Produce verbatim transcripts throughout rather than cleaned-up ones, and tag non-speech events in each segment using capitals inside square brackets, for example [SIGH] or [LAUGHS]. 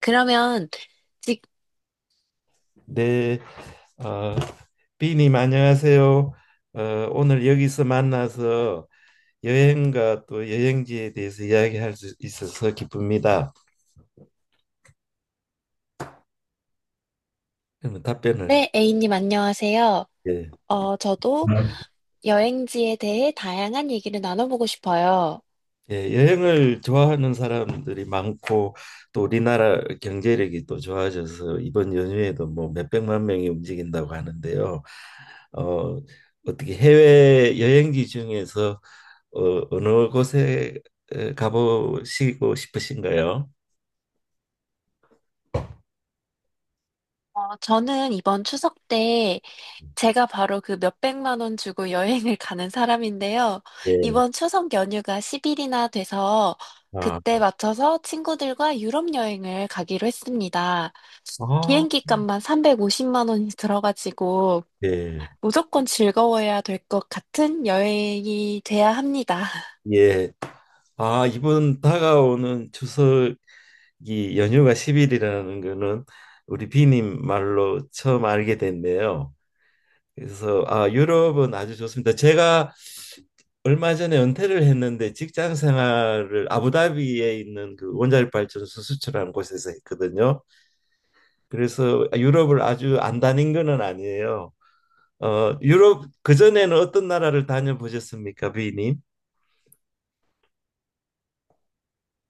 그러면 직, 네, 어, 비님 안녕하세요. 어, 오늘 여기서 만나서 여행과 또 여행지에 대해서 이야기할 수 있어서 기쁩니다. 그러면 답변을. 네, A님 안녕하세요. 예, 어, 저도 여행지에 대해 다양한 얘기를 나눠보고 싶어요. 예, 여행을 좋아하는 사람들이 많고 또 우리나라 경제력이 또 좋아져서 이번 연휴에도 뭐 몇백만 명이 움직인다고 하는데요. 어, 어떻게 해외 여행지 중에서 어, 어느 곳에 에, 가보시고 싶으신가요? 어, 저는 이번 추석 때 제가 바로 그 몇백만 원 주고 여행을 [LAUGHS] 가는 사람인데요. 예. 이번 추석 연휴가 십 일이나 돼서 아, 그때 맞춰서 친구들과 유럽 여행을 가기로 했습니다. 아, 비행기 값만 삼백오십만 원이 들어가지고 예. 무조건 즐거워야 될 것 같은 여행이 돼야 합니다. 예. 아, 이번 다가오는 추석이 연휴가 십 일이라는 거는 우리 비님 말로 처음 알게 됐네요. 그래서 아, 유럽은 아주 좋습니다. 제가 얼마 전에 은퇴를 했는데 직장 생활을 아부다비에 있는 그 원자력 발전소 수출하는 곳에서 했거든요. 그래서 유럽을 아주 안 다닌 거는 아니에요. 어, 유럽 그전에는 어떤 나라를 다녀보셨습니까, 비님?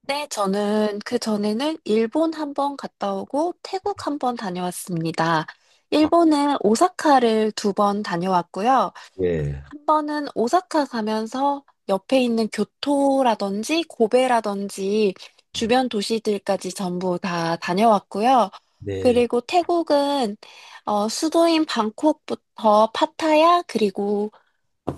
네, 저는 그 전에는 일본 한 번 갔다 오고 태국 한 번 다녀왔습니다. 일본은 오사카를 두 번 다녀왔고요. 예, 한 번은 오사카 가면서 옆에 있는 교토라든지 고베라든지 주변 도시들까지 전부 다 다녀왔고요. 네, 그리고 태국은 어, 수도인 방콕부터 파타야 그리고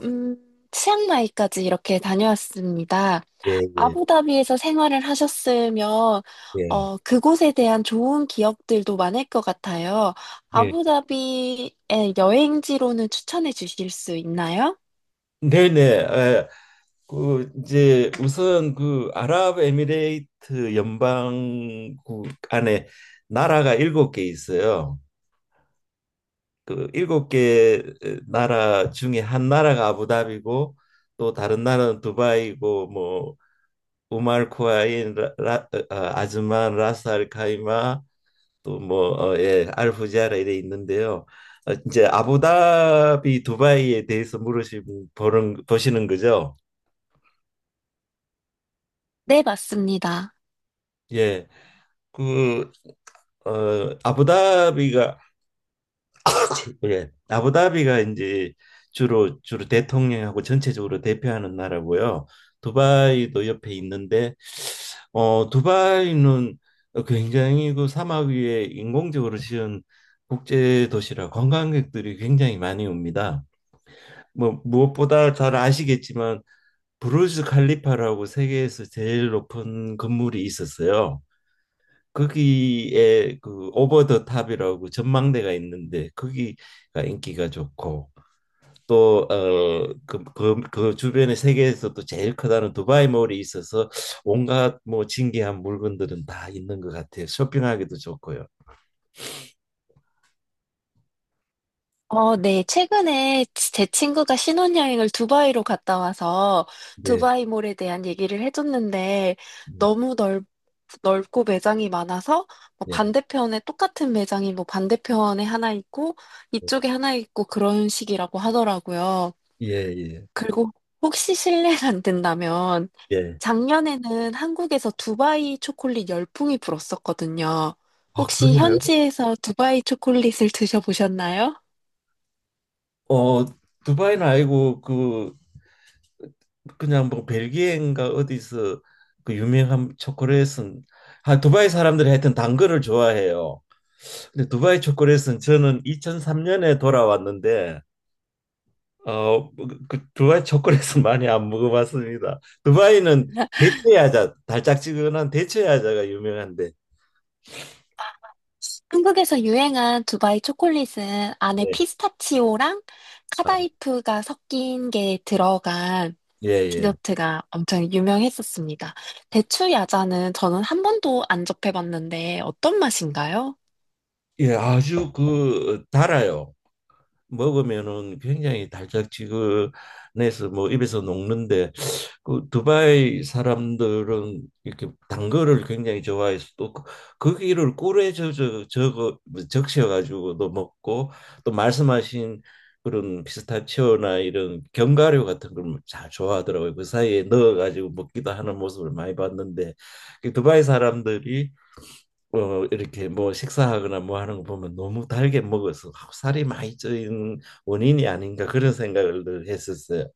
음, 치앙마이까지 이렇게 다녀왔습니다. 예, 예, 아부다비에서 생활을 하셨으면, 예, 어, 그곳에 대한 좋은 기억들도 많을 것 같아요. 예. 아부다비의 여행지로는 추천해 주실 수 있나요? 네, 네. 에, 그 이제 우선 그 아랍에미레이트 연방국 안에 나라가 일곱 개 있어요. 그 일곱 개 나라 중에 한 나라가 아부다비고 또 다른 나라는 두바이고 뭐 우말 쿠아인, 라, 라, 아, 아즈만, 라스 알 카이마, 또 뭐, 어, 예, 알후지아라 이래 있는데요. 어, 이제 아부다비 두바이에 대해서 물으시는 보는 보시는 거죠. 네, 맞습니다. 예, 그 어, 아부다비가 예, 아부다비가 이제 주로 주로 대통령하고 전체적으로 대표하는 나라고요. 두바이도 옆에 있는데 어, 두바이는 굉장히 그 사막 위에 인공적으로 지은 국제 도시라 관광객들이 굉장히 많이 옵니다. 뭐 무엇보다 잘 아시겠지만 브루즈 칼리파라고 세계에서 제일 높은 건물이 있었어요. 거기에 그 오버 더 탑이라고 전망대가 있는데 거기가 인기가 좋고 또 어 그 그 그 주변에 세계에서도 제일 크다는 두바이 몰이 있어서 온갖 뭐 진귀한 물건들은 다 있는 것 같아요. 쇼핑하기도 좋고요. 어, 네. 최근에 제 친구가 신혼여행을 두바이로 갔다 와서 네. 두바이몰에 대한 얘기를 해줬는데 음, 너무 넓, 넓고 매장이 많아서 뭐 네. 반대편에 똑같은 매장이 뭐 반대편에 하나 있고 이쪽에 하나 있고 그런 식이라고 하더라고요. 예, 예, 그리고 혹시 실례가 안 된다면 예. 작년에는 한국에서 두바이 초콜릿 열풍이 불었었거든요. 아, 혹시 그래요? 현지에서 두바이 초콜릿을 드셔보셨나요? 어, 두바이는 아니고 그 그냥 뭐 벨기에인가 어디서 그 유명한 초콜릿은. 아, 두바이 사람들이 하여튼 단 거를 좋아해요. 근데 두바이 초콜릿은 저는 이천삼 년에 돌아왔는데 어, 그 그 두바이 초콜릿은 [LAUGHS] 많이 안 먹어봤습니다. 두바이는 [LAUGHS] 대체야자, 달짝지근한 대체야자가 유명한데. 한국에서 유행한 두바이 초콜릿은 안에 네. 피스타치오랑 아, 카다이프가 섞인 게 들어간 예, 예. 디저트가 엄청 유명했었습니다. 대추 야자는 저는 한 번도 안 접해봤는데 어떤 맛인가요? 예, 아주 그 달아요. 먹으면은 굉장히 달짝지근해서 뭐 입에서 녹는데 그 두바이 사람들은 이렇게 단 거를 굉장히 좋아해서 또 그- 거기를 꿀에 저저 저거 뭐 적셔가지고도 먹고 또 말씀하신 그런 피스타치오나 이런 견과류 같은 걸 잘 좋아하더라고요. 그 사이에 넣어가지고 먹기도 하는 모습을 많이 봤는데 그 두바이 사람들이 어 이렇게 뭐 식사하거나 뭐 하는 거 보면 너무 달게 먹어서 살이 많이 쪄인 원인이 아닌가 그런 생각을 늘 했었어요.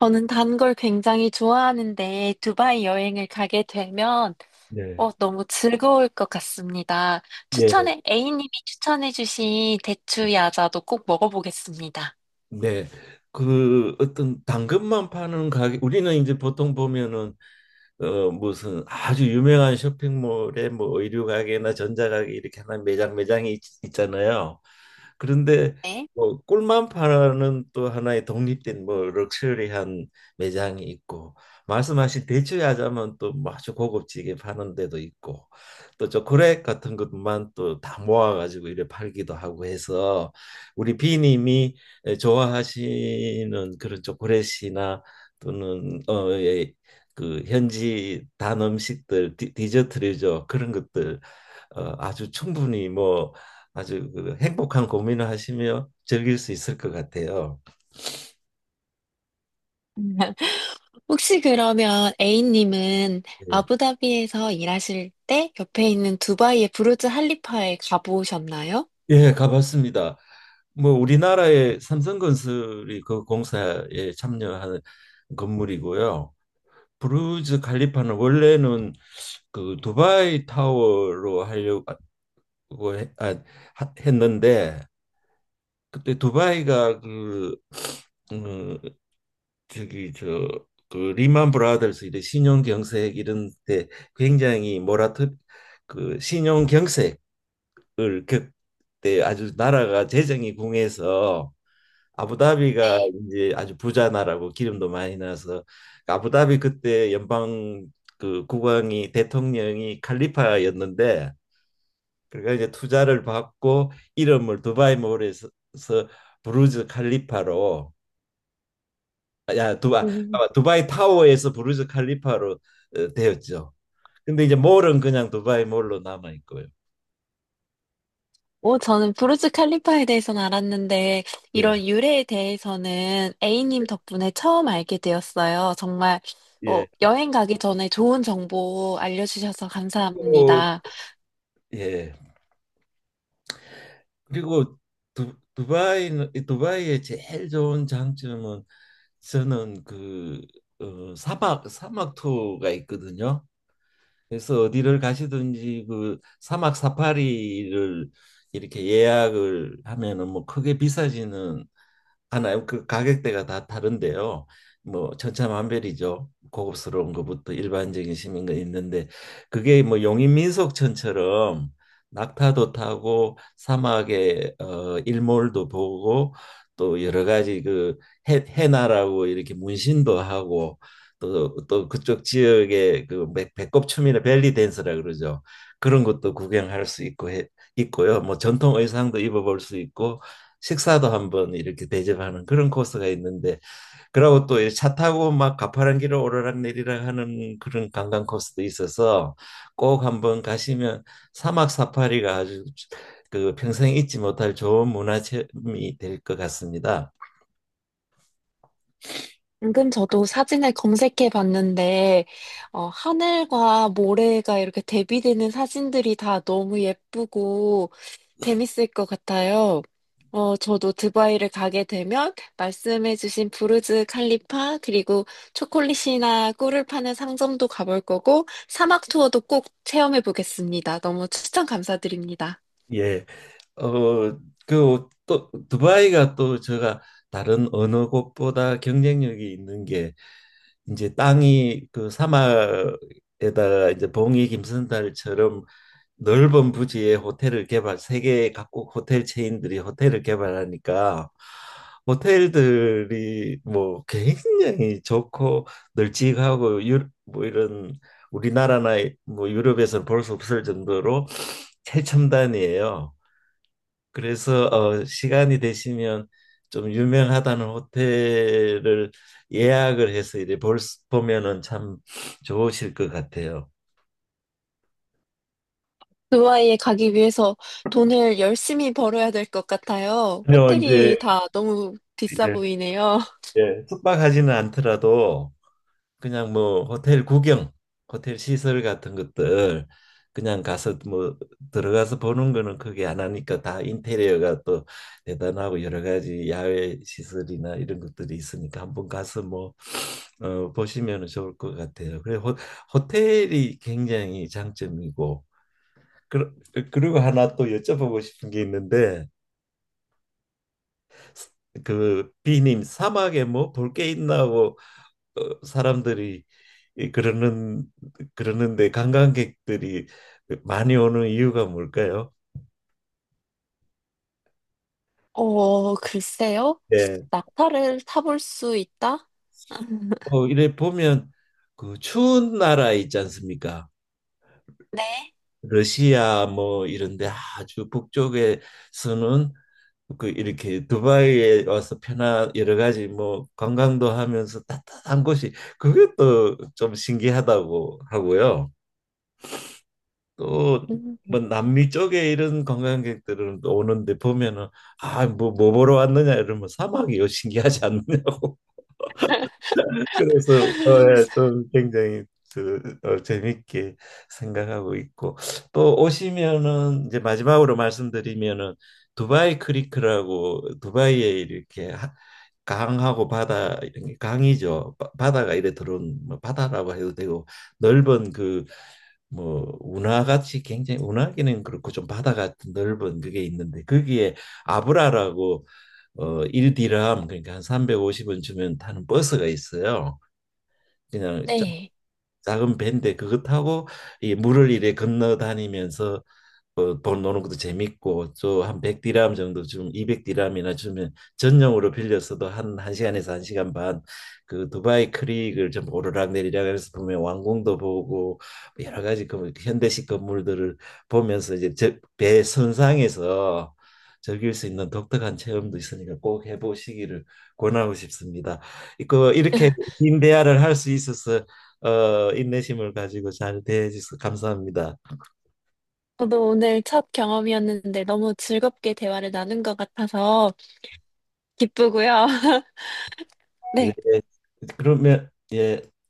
저는 단 걸 굉장히 좋아하는데 두바이 여행을 가게 되면 네. 어, 너무 즐거울 것 같습니다. 예. 추천해, A님이 추천해주신 대추 야자도 꼭 먹어보겠습니다. 네. 그 어떤 당근만 파는 가게 우리는 이제 보통 보면은 어 무슨 아주 유명한 쇼핑몰에 뭐 의류 가게나 전자 가게 이렇게 하나 매장 매장이 있, 있잖아요. 그런데 네. 뭐 꿀만 파는 또 하나의 독립된 뭐 럭셔리한 매장이 있고 말씀하신 대추야자만 또 뭐 아주 고급지게 파는 데도 있고 또 초콜릿 같은 것만 또 다 모아가지고 이래 팔기도 하고 해서 우리 비님이 좋아하시는 그런 초콜릿이나 또는 어, 예, 그 현지 단 음식들 디, 디저트류죠. 그런 것들 어, 아주 충분히 뭐 아주 그 행복한 고민을 하시며 즐길 수 있을 것 같아요. [LAUGHS] 혹시 그러면 A님은 예, 아부다비에서 일하실 때 옆에 있는 두바이의 부르즈 할리파에 가보셨나요? 예, 가봤습니다. 뭐 우리나라의 삼성건설이 그 공사에 참여한 건물이고요. 브루즈 칼리파는 원래는 그 두바이 타워로 하려고 해- 아, 하- 했는데 그때 두바이가 그 음, 저기 저 그 리만 브라더스 이런 신용 경색 이런 데 굉장히 모라토 그 신용 경색을 그때 아주 나라가 재정이 궁해서 아부다비가 네. 이제 아주 부자 나라고 기름도 많이 나서 아부다비 그때 연방 그 국왕이 대통령이 칼리파였는데 그러니까 이제 투자를 받고 이름을 두바이 몰에서 부르즈 칼리파로 야, 두바, 아 두바이 타워에서 부르즈 칼리파로 어, 되었죠. 근데 이제 몰은 그냥 두바이 몰로 남아 있고요. 오, 저는 브루즈 칼리파에 대해서는 알았는데, 예, 이런 유래에 대해서는 A님 덕분에 처음 알게 되었어요. 정말, 어, 예. 여행 가기 전에 좋은 정보 알려주셔서 또, 감사합니다. 예. 그리고 두, 두바이는 이 두바이의 제일 좋은 장점은 저는 그 어, 사막 사막 투어가 있거든요. 그래서 어디를 가시든지 그 사막 사파리를 이렇게 예약을 하면은 뭐 크게 비싸지는 하나요? 그 가격대가 다 다른데요. 뭐 천차만별이죠. 고급스러운 것부터 일반적인 시민 가 있는데 그게 뭐 용인민속촌처럼 낙타도 타고 사막의 어, 일몰도 보고 또 여러 가지 그 해, 해나라고 이렇게 문신도 하고 또 또 그쪽 지역의 그 배- 배꼽춤이나 벨리 댄스라 그러죠. 그런 것도 구경할 수 있고 해, 있고요. 뭐 전통 의상도 입어볼 수 있고 식사도 한번 이렇게 대접하는 그런 코스가 있는데 그러고 또 차 타고 막 가파른 길을 오르락내리락 하는 그런 관광 코스도 있어서 꼭 한번 가시면 사막 사파리가 아주 그 평생 잊지 못할 좋은 문화 체험이 될 것 같습니다. 방금 저도 사진을 검색해 봤는데, 어, 하늘과 모래가 이렇게 대비되는 사진들이 다 너무 예쁘고 재밌을 것 같아요. 어, 저도 두바이를 가게 되면 말씀해주신 부르즈 칼리파, 그리고 초콜릿이나 꿀을 파는 상점도 가볼 거고, 사막 투어도 꼭 체험해 보겠습니다. 너무 추천 감사드립니다. 예. 어, 그 또 두바이가 또 제가 다른 어느 곳보다 경쟁력이 있는 게 이제 땅이 그 사막에다가 이제 봉이 김선달처럼 넓은 부지에 호텔을 개발 세계 각국 호텔 체인들이 호텔을 개발하니까 호텔들이 뭐 굉장히 좋고 널찍하고 유, 뭐 이런 우리나라나 뭐 유럽에서는 볼 수 없을 정도로 최첨단이에요. 그래서 어, 시간이 되시면 좀 유명하다는 호텔을 예약을 해서 이제 볼, 수- 보면은 참 좋으실 것 같아요. 두바이에 가기 위해서 돈을 열심히 벌어야 될 것 같아요. 그요 이제 호텔이 다 너무 비싸 보이네요. [LAUGHS] 예, 숙박하지는 않더라도 그냥 뭐 호텔 구경, 호텔 시설 같은 것들 그냥 가서 뭐 들어가서 보는 거는 크게 안 하니까 다 인테리어가 또 대단하고 여러 가지 야외 시설이나 이런 것들이 있으니까 한번 가서 뭐 어, 보시면 좋을 것 같아요. 그래 호, 호텔이 굉장히 장점이고 그, 그리고 하나 또 여쭤보고 싶은 게 있는데 그 비님 사막에 뭐 볼 게 있나 하고 어, 사람들이 이 그러는 그러는데 관광객들이 많이 오는 이유가 뭘까요? 어, 글쎄요. 네. 낙타를 타볼 수 있다? [LAUGHS] 어, 이래 보면 그 추운 나라 있지 않습니까? 네. 러시아 뭐 이런데 아주 북쪽에서는 그 이렇게 두바이에 와서 편한 여러 가지 뭐 관광도 하면서 따뜻한 곳이 그게 또 좀 신기하다고 하고요. 또 음, 뭐 남미 쪽에 이런 관광객들은 또 오는데 보면은 아 뭐 뭐 보러 왔느냐 이러면 사막이요 신기하지 않느냐고. 그래서 어, 예, 좀 굉장히 그, 어, 재밌게 생각하고 있고 또 오시면은 이제 마지막으로 말씀드리면은 두바이 크리크라고 두바이에 이렇게 하- 강하고 바다 이런 게 강이죠. 바- 바다가 이래 들어온 뭐 바다라고 해도 되고 넓은 그 뭐 운하같이 굉장히 운하기는 그렇고 좀 바다 같은 넓은 그게 있는데 거기에 아브라라고 어 일 디람 그러니까 한 삼백오십 원 주면 타는 버스가 있어요. 그냥 자- 네. 작은 배인데 그것 타고 이 물을 이래 건너 다니면서 어, 돈 노는 것도 재밌고 또 한 백 디람 정도 좀 이백 디람이나 주면 전용으로 빌려서도 한 1시간에서 한 시간 반 그 두바이 크릭을 좀 오르락내리락 하면서 보면 왕궁도 보고 여러 가지 그 현대식 건물들을 보면서 이제 저- 배 선상에서 즐길 수 있는 독특한 체험도 있으니까 꼭 해보시기를 권하고 싶습니다. 그 이렇게 긴 대화를 할 수 있어서 어, 인내심을 가지고 잘 대해 주셔서 감사합니다. 저도 오늘 첫 경험이었는데 너무 즐겁게 대화를 나눈 것 같아서 기쁘고요. [LAUGHS] 네. 네. 그러면 예,